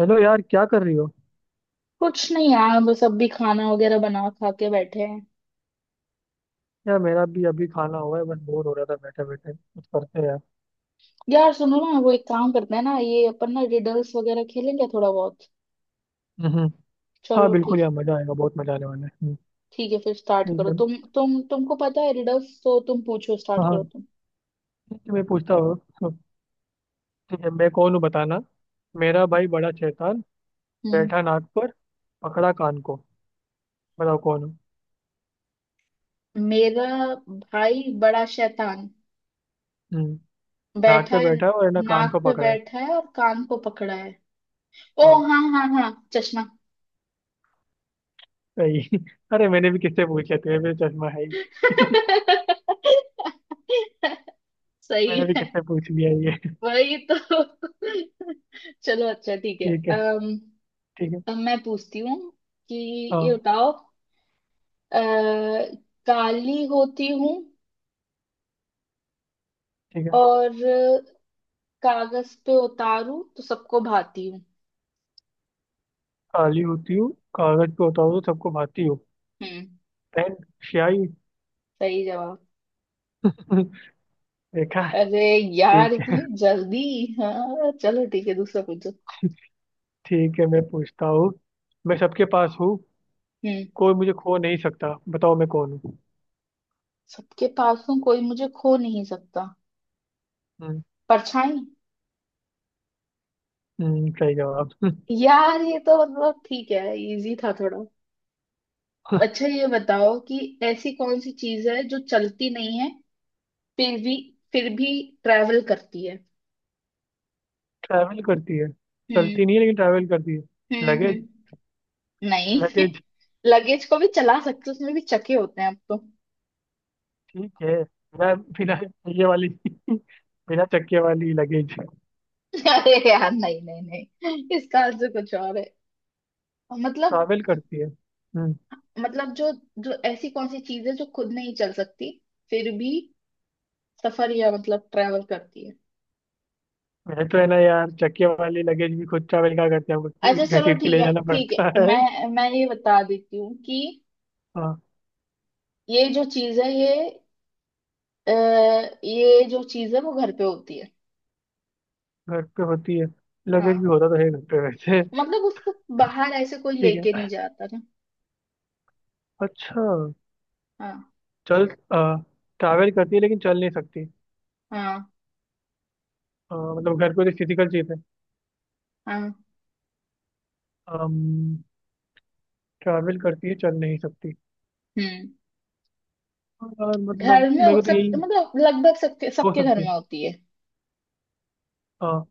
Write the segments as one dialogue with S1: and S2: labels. S1: Hello यार, क्या कर रही हो।
S2: कुछ नहीं यार। बस अब भी खाना वगैरह बना खा के बैठे हैं।
S1: यार, मेरा भी अभी खाना हुआ है। बस बोर हो रहा था बैठे बैठे कुछ करते हैं यार।
S2: यार सुनो ना, वो एक काम करते हैं ना, ये अपन ना रिडल्स वगैरह खेलेंगे थोड़ा बहुत।
S1: हम्म। हाँ
S2: चलो
S1: बिल्कुल
S2: ठीक।
S1: यार, मजा आएगा, बहुत मजा आने वाला है।
S2: ठीक है, फिर स्टार्ट
S1: ठीक
S2: करो
S1: है।
S2: तुमको पता है रिडल्स, तो तुम पूछो, स्टार्ट
S1: हाँ
S2: करो
S1: हाँ,
S2: तुम।
S1: ठीक है मैं पूछता हूँ तो, ठीक है, मैं कौन हूँ बताना। मेरा भाई बड़ा शैतान,
S2: हम्म।
S1: बैठा नाक पर, पकड़ा कान को, बताओ कौन हूँ।
S2: मेरा भाई बड़ा शैतान,
S1: हम्म, नाक
S2: बैठा
S1: पे
S2: है
S1: बैठा है, और है ना, कान को
S2: नाक पे,
S1: पकड़ा है।
S2: बैठा है और कान को पकड़ा है। ओ
S1: हाँ
S2: हाँ हाँ हाँ, चश्मा।
S1: सही। अरे मैंने भी किससे पूछ लिया, तेरे पे चश्मा है ही।
S2: सही
S1: मैंने भी
S2: है।
S1: किससे पूछ लिया ये।
S2: वही तो। चलो अच्छा ठीक है।
S1: ठीक है। ठीक है।
S2: अब मैं पूछती हूँ कि ये
S1: हाँ।
S2: बताओ। अ, काली होती हूँ
S1: ठीक है,
S2: और कागज पे उतारू तो सबको भाती हूँ।
S1: काली होती हूँ, कागज पे होता हूँ तो सबको भाती हूँ।
S2: हम्म,
S1: पेन। स्याही।
S2: सही जवाब।
S1: देखा।
S2: अरे यार,
S1: ठीक
S2: इतनी
S1: है।
S2: जल्दी! हाँ चलो ठीक है, दूसरा पूछो।
S1: ठीक है मैं पूछता हूँ। मैं सबके पास हूँ,
S2: हम्म।
S1: कोई मुझे खो नहीं सकता, बताओ मैं कौन हूँ।
S2: सबके पास हूँ, कोई मुझे खो नहीं सकता।
S1: हम्म।
S2: परछाई।
S1: सही जवाब।
S2: यार ये तो मतलब ठीक है, इजी था थोड़ा। अच्छा, ये बताओ कि ऐसी कौन सी चीज है जो चलती नहीं है, फिर भी फिर भी ट्रैवल करती है।
S1: ट्रैवल करती है।
S2: हम्म।
S1: चलती नहीं है लेकिन ट्रैवल करती है। लगेज।
S2: हम्म। नहीं।
S1: लगेज।
S2: लगेज को भी चला सकते हो, उसमें भी चके होते हैं अब तो।
S1: ठीक है। बिना बिना ये वाली। बिना चक्के वाली लगेज।
S2: अरे यार, नहीं नहीं नहीं, इसका आंसर कुछ और है। मतलब
S1: ट्रैवल करती है। हम्म।
S2: मतलब जो जो ऐसी कौन सी चीज है जो खुद नहीं चल सकती, फिर भी सफर या मतलब ट्रैवल करती है।
S1: वैसे तो है ना यार, चक्के वाली लगेज भी खुद ट्रैवल क्या करते हैं, हमको घसीट
S2: अच्छा चलो
S1: घसीट के
S2: ठीक
S1: ले
S2: है,
S1: जाना
S2: ठीक है।
S1: पड़ता है।
S2: मैं ये बता देती हूँ कि
S1: हाँ।
S2: ये जो चीज है ये, अ, ये जो चीज है वो घर पे होती है।
S1: घर पे होती है। लगेज
S2: हाँ
S1: भी होता तो है घर पे वैसे।
S2: मतलब उसको बाहर ऐसे कोई
S1: ठीक
S2: लेके
S1: है।
S2: नहीं जाता ना।
S1: अच्छा।
S2: हाँ।
S1: चल, ट्रैवल करती है लेकिन चल नहीं सकती।
S2: हाँ
S1: मतलब घर पे तो फिजिकल चीज़ है।
S2: हाँ।
S1: ट्रैवल करती है, चल नहीं सकती।
S2: हम्म।
S1: और मतलब मेरे को तो
S2: सब
S1: यही
S2: मतलब लगभग सबके
S1: हो
S2: सबके घर
S1: सकती
S2: में
S1: है।
S2: होती है।
S1: हाँ।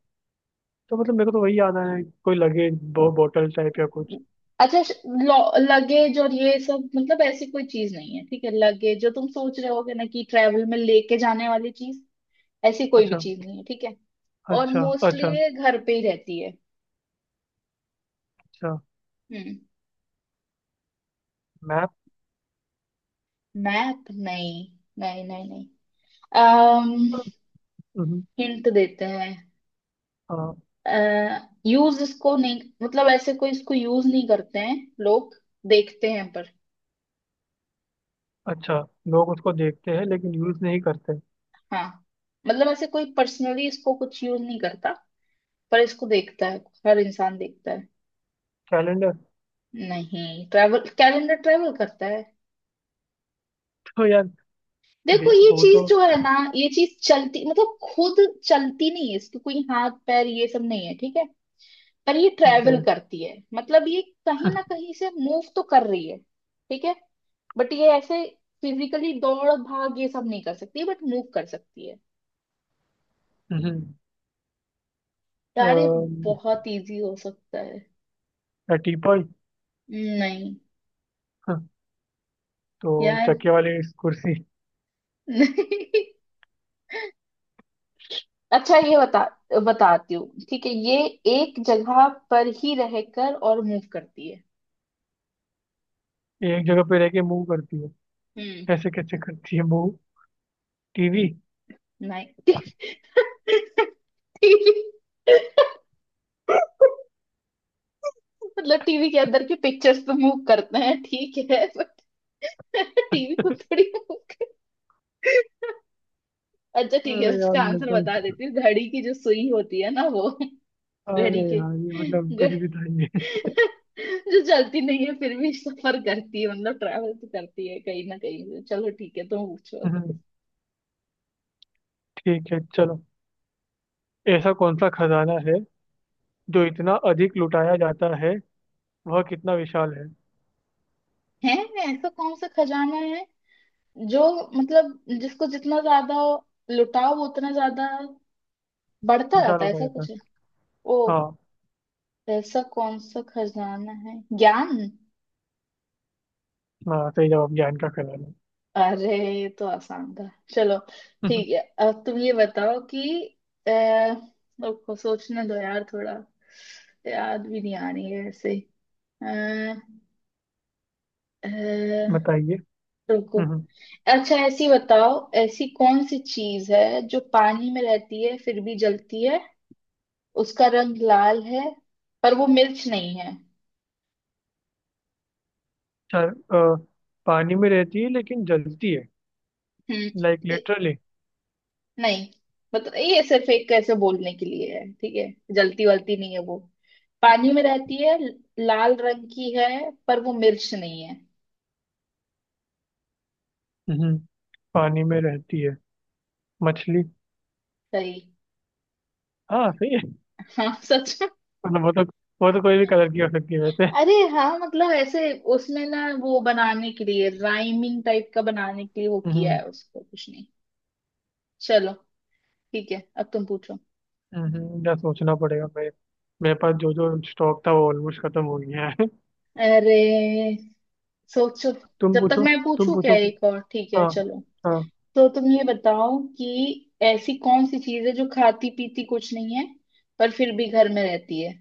S1: तो मतलब मेरे को तो वही याद आया है, कोई लगेज बोतल टाइप या कुछ।
S2: अच्छा, लगेज और ये सब मतलब ऐसी कोई चीज नहीं है ठीक है, लगेज जो तुम सोच रहे होगे ना कि ट्रेवल में लेके जाने वाली चीज, ऐसी कोई भी
S1: अच्छा।
S2: चीज नहीं है ठीक है। और
S1: अच्छा।
S2: मोस्टली
S1: अच्छा।
S2: ये घर पे ही रहती है।
S1: अच्छा।
S2: हम्म।
S1: मैप।
S2: मैप नहीं। नहीं नहीं नहीं। अम्म
S1: हम्म,
S2: हिंट देते हैं।
S1: हाँ।
S2: यूज इसको नहीं, मतलब ऐसे कोई इसको यूज नहीं करते हैं लोग, देखते हैं पर।
S1: अच्छा, लोग उसको देखते हैं लेकिन यूज नहीं करते।
S2: हाँ मतलब ऐसे कोई पर्सनली इसको कुछ यूज नहीं करता, पर इसको देखता है, हर इंसान देखता है।
S1: कैलेंडर।
S2: नहीं। ट्रैवल, कैलेंडर ट्रैवल करता है?
S1: तो यार,
S2: देखो
S1: दे,
S2: ये
S1: वो
S2: चीज
S1: तो
S2: जो है ना, ये चीज चलती मतलब खुद चलती नहीं है, इसके कोई हाथ पैर ये सब नहीं है ठीक है, पर ये
S1: ठीक
S2: ट्रैवल
S1: है।
S2: करती है, मतलब ये कहीं ना कहीं से मूव तो कर रही है ठीक है, बट ये ऐसे फिजिकली दौड़ भाग ये सब नहीं कर सकती, बट मूव कर सकती है।
S1: हम्म,
S2: यार ये
S1: अम,
S2: बहुत इजी हो सकता है।
S1: या टीपॉय।
S2: नहीं।
S1: हाँ, तो
S2: यार
S1: चक्के वाली कुर्सी।
S2: नहीं। अच्छा ये बता, बताती हूँ ठीक है, ये एक जगह पर ही रहकर और मूव करती है।
S1: एक जगह पे रह के मूव करती है।
S2: हम्म।
S1: ऐसे कैसे करती है मूव। टीवी।
S2: नहीं। मतलब टीवी के अंदर के पिक्चर्स तो मूव करते हैं ठीक है, बट टीवी को थोड़ी मूव। अच्छा ठीक है,
S1: अरे यार
S2: उसका
S1: मेरे
S2: आंसर
S1: को,
S2: बता देती हूँ, घड़ी की जो सुई होती है ना वो।
S1: अरे
S2: घड़ी के,
S1: यार ये मतलब कुछ
S2: घ-
S1: भी था ये।
S2: जो चलती नहीं है फिर भी सफर करती है, मतलब ट्रैवल तो करती है कहीं ना कहीं से। चलो ठीक है, तुम पूछो।
S1: ठीक है चलो। ऐसा कौन सा खजाना है जो इतना अधिक लुटाया जाता है, वह कितना विशाल है,
S2: है। ऐसा कौन सा खजाना है जो, मतलब जिसको जितना ज्यादा लुटाओ वो उतना ज्यादा बढ़ता
S1: विशाल
S2: जाता है,
S1: होता
S2: ऐसा
S1: जाता
S2: कुछ है?
S1: है।
S2: ओ।
S1: हाँ।
S2: ऐसा कौन सा खजाना है, ज्ञान।
S1: हाँ सही जवाब, ज्ञान का खजाना।
S2: अरे ये तो आसान था। चलो ठीक है। अब तुम ये बताओ कि, अह, रुको सोचने दो यार थोड़ा, याद भी नहीं आ रही है ऐसे। अह, अह,
S1: बताइए।
S2: रुको।
S1: हम्म,
S2: अच्छा ऐसी बताओ, ऐसी कौन सी चीज है जो पानी में रहती है फिर भी जलती है, उसका रंग लाल है पर वो मिर्च नहीं है?
S1: चल, पानी में रहती है लेकिन जलती है।
S2: हम्म।
S1: Like literally.
S2: नहीं, मतलब ये सिर्फ एक ऐसे बोलने के लिए है ठीक है, जलती वलती नहीं है वो, पानी में रहती है, लाल रंग की है पर वो मिर्च नहीं है।
S1: पानी में रहती है। मछली।
S2: सही।
S1: हाँ सही है।
S2: हाँ सच में।
S1: मतलब वो तो, कोई भी कलर की हो सकती है वैसे।
S2: अरे हाँ, मतलब ऐसे उसमें ना वो बनाने के लिए राइमिंग टाइप का बनाने के लिए वो किया
S1: हम्म।
S2: है, उसको कुछ नहीं। चलो ठीक है, अब तुम पूछो।
S1: या सोचना पड़ेगा मेरे। मेरे पास जो जो स्टॉक था वो ऑलमोस्ट खत्म हो गया है।
S2: अरे सोचो,
S1: तुम
S2: जब तक
S1: पूछो।
S2: मैं
S1: तुम
S2: पूछू, क्या
S1: पूछो कुछ।
S2: एक और? ठीक है
S1: हाँ।
S2: चलो।
S1: हाँ।
S2: तो तुम ये बताओ कि ऐसी कौन सी चीज है जो खाती पीती कुछ नहीं है, पर फिर भी घर में रहती है।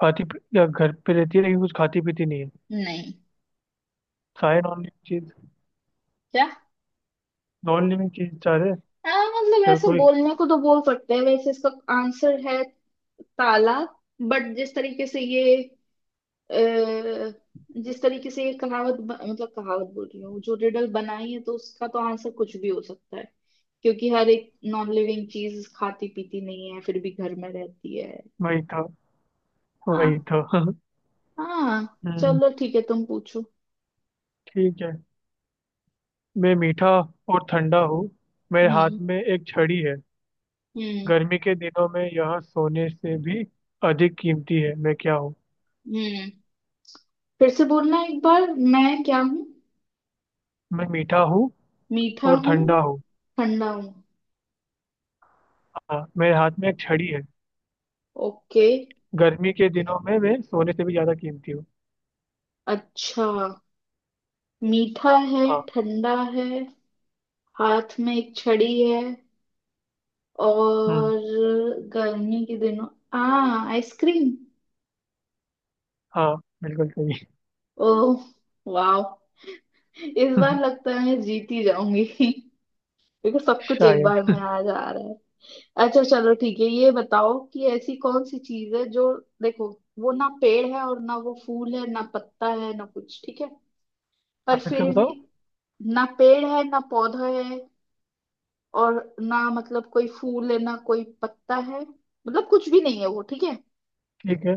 S1: या घर पे रहती है लेकिन कुछ खाती पीती नहीं है।
S2: नहीं।
S1: सारे नॉन लिविंग चीज।
S2: क्या?
S1: नॉन लिविंग चीज चाह रहे।
S2: आ, मतलब
S1: क्या
S2: ऐसे
S1: कोई।
S2: बोलने को तो बोल सकते हैं, वैसे इसका आंसर है ताला, बट जिस तरीके से ये, अ, जिस तरीके से ये कहावत मतलब कहावत बोल रही हूँ, जो रिडल बनाई है, तो उसका तो आंसर कुछ भी हो सकता है, क्योंकि हर एक नॉन लिविंग चीज खाती पीती नहीं है फिर भी घर में रहती है।
S1: वही था। वही
S2: हाँ।
S1: था।
S2: हाँ
S1: हम्म।
S2: चलो ठीक है, तुम पूछो।
S1: ठीक है। मैं मीठा और ठंडा हूँ। मेरे हाथ
S2: हम्म।
S1: में एक छड़ी है।
S2: हम्म।
S1: गर्मी के दिनों में यह सोने से भी अधिक कीमती है। मैं क्या हूँ।
S2: हम्म। फिर से बोलना एक बार, मैं क्या हूँ?
S1: मैं मीठा हूँ
S2: मीठा
S1: और
S2: हूँ।
S1: ठंडा हूँ।
S2: ठंडा हूँ।
S1: हाँ मेरे हाथ में एक छड़ी है।
S2: ओके।
S1: गर्मी के दिनों में मैं सोने से भी ज्यादा कीमती हूँ।
S2: अच्छा। मीठा है,
S1: हाँ।
S2: ठंडा है, हाथ में एक छड़ी है,
S1: हम्म।
S2: और गर्मी के दिनों, आ, आइसक्रीम!
S1: हाँ बिल्कुल सही।
S2: ओह! वाह! इस बार लगता है मैं जीत ही जाऊंगी। क्योंकि सब कुछ एक
S1: शायद।
S2: बार में आ जा रहा है। अच्छा चलो ठीक है, ये बताओ कि ऐसी कौन सी चीज है जो, देखो, वो ना पेड़ है और ना वो फूल है, ना पत्ता है ना कुछ ठीक है, पर
S1: आप फिर से
S2: फिर भी,
S1: बताओ।
S2: ना पेड़ है ना पौधा है, और ना मतलब कोई फूल है ना कोई पत्ता है, मतलब कुछ भी नहीं है वो ठीक है,
S1: ठीक है।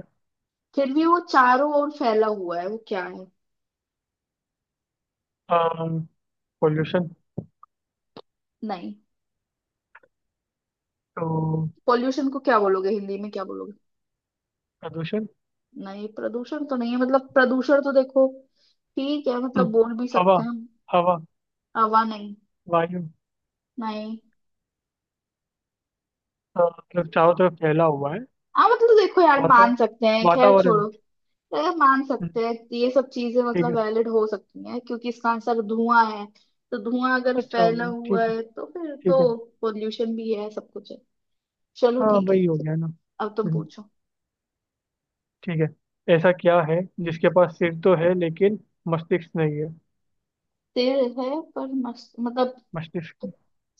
S2: फिर भी वो चारों ओर फैला हुआ है, वो क्या है?
S1: पॉल्यूशन।
S2: नहीं।
S1: तो।
S2: पॉल्यूशन को क्या बोलोगे, हिंदी में क्या बोलोगे?
S1: प्रदूषण।
S2: नहीं प्रदूषण तो नहीं है, मतलब प्रदूषण तो देखो, ठीक है मतलब
S1: हम्म,
S2: बोल भी
S1: हवा।
S2: सकते हैं हम।
S1: हवा।
S2: हवा नहीं।
S1: वायु।
S2: नहीं।
S1: मतलब चारों तरफ फैला हुआ है।
S2: हाँ मतलब तो देखो यार,
S1: वाता
S2: मान सकते हैं, खैर छोड़ो।
S1: वातावरण।
S2: अरे मान
S1: हम्म,
S2: सकते हैं ये सब चीजें
S1: ठीक
S2: मतलब,
S1: है।
S2: वैलिड हो सकती हैं, क्योंकि इसका आंसर धुआं है। तो धुआं अगर
S1: अच्छा
S2: फैला
S1: भाई
S2: हुआ
S1: ठीक है।
S2: है तो फिर
S1: ठीक है।
S2: तो पोल्यूशन भी है, सब कुछ है। चलो
S1: हाँ
S2: ठीक है,
S1: वही हो गया ना।
S2: अब तुम
S1: हम्म,
S2: पूछो।
S1: ठीक है, ऐसा क्या है जिसके पास सिर तो है लेकिन मस्तिष्क नहीं है।
S2: सिर है पर मस्त मतलब,
S1: मस्तिष्क।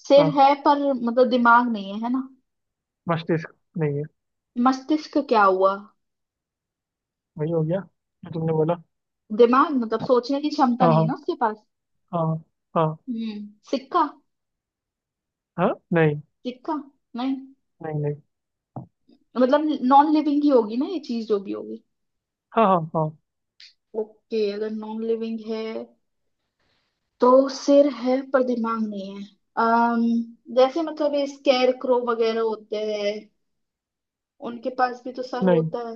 S2: सिर
S1: हाँ,
S2: है पर मतलब दिमाग नहीं है, है ना?
S1: मस्तिष्क नहीं है।
S2: मस्तिष्क का क्या हुआ?
S1: वही हो गया जो तुमने बोला।
S2: दिमाग मतलब सोचने की क्षमता
S1: हाँ
S2: नहीं है ना
S1: हाँ।
S2: उसके पास।
S1: हाँ। हाँ।
S2: हम्म, सिक्का।
S1: हाँ नहीं
S2: सिक्का नहीं।
S1: नहीं नहीं।
S2: मतलब नॉन लिविंग ही होगी ना ये चीज जो भी होगी।
S1: हाँ हाँ हाँ।
S2: ओके अगर नॉन लिविंग है, तो सिर है पर दिमाग नहीं है, जैसे मतलब ये स्केयर क्रो वगैरह होते हैं, उनके पास भी तो सर
S1: नहीं
S2: होता है।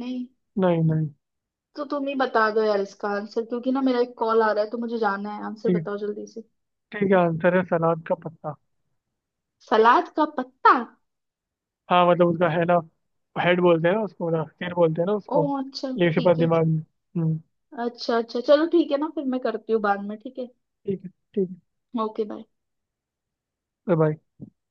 S2: नहीं।
S1: नहीं नहीं।
S2: तो तुम ही बता दो यार इसका आंसर, क्योंकि ना मेरा एक कॉल आ रहा है तो मुझे जाना है, आंसर
S1: ठीक।
S2: बताओ जल्दी से।
S1: ठीक है, आंसर है सलाद का पत्ता।
S2: सलाद का पत्ता।
S1: हाँ मतलब उसका है ना, हेड बोलते हैं ना उसको, ना सिर बोलते हैं ना
S2: ओ
S1: उसको,
S2: अच्छा
S1: लेकिन उसके पास
S2: ठीक है।
S1: दिमाग नहीं। हम्म।
S2: अच्छा अच्छा चलो ठीक है ना, फिर मैं करती हूँ बाद में ठीक है।
S1: ठीक है। ठीक
S2: ओके बाय।
S1: है बाय।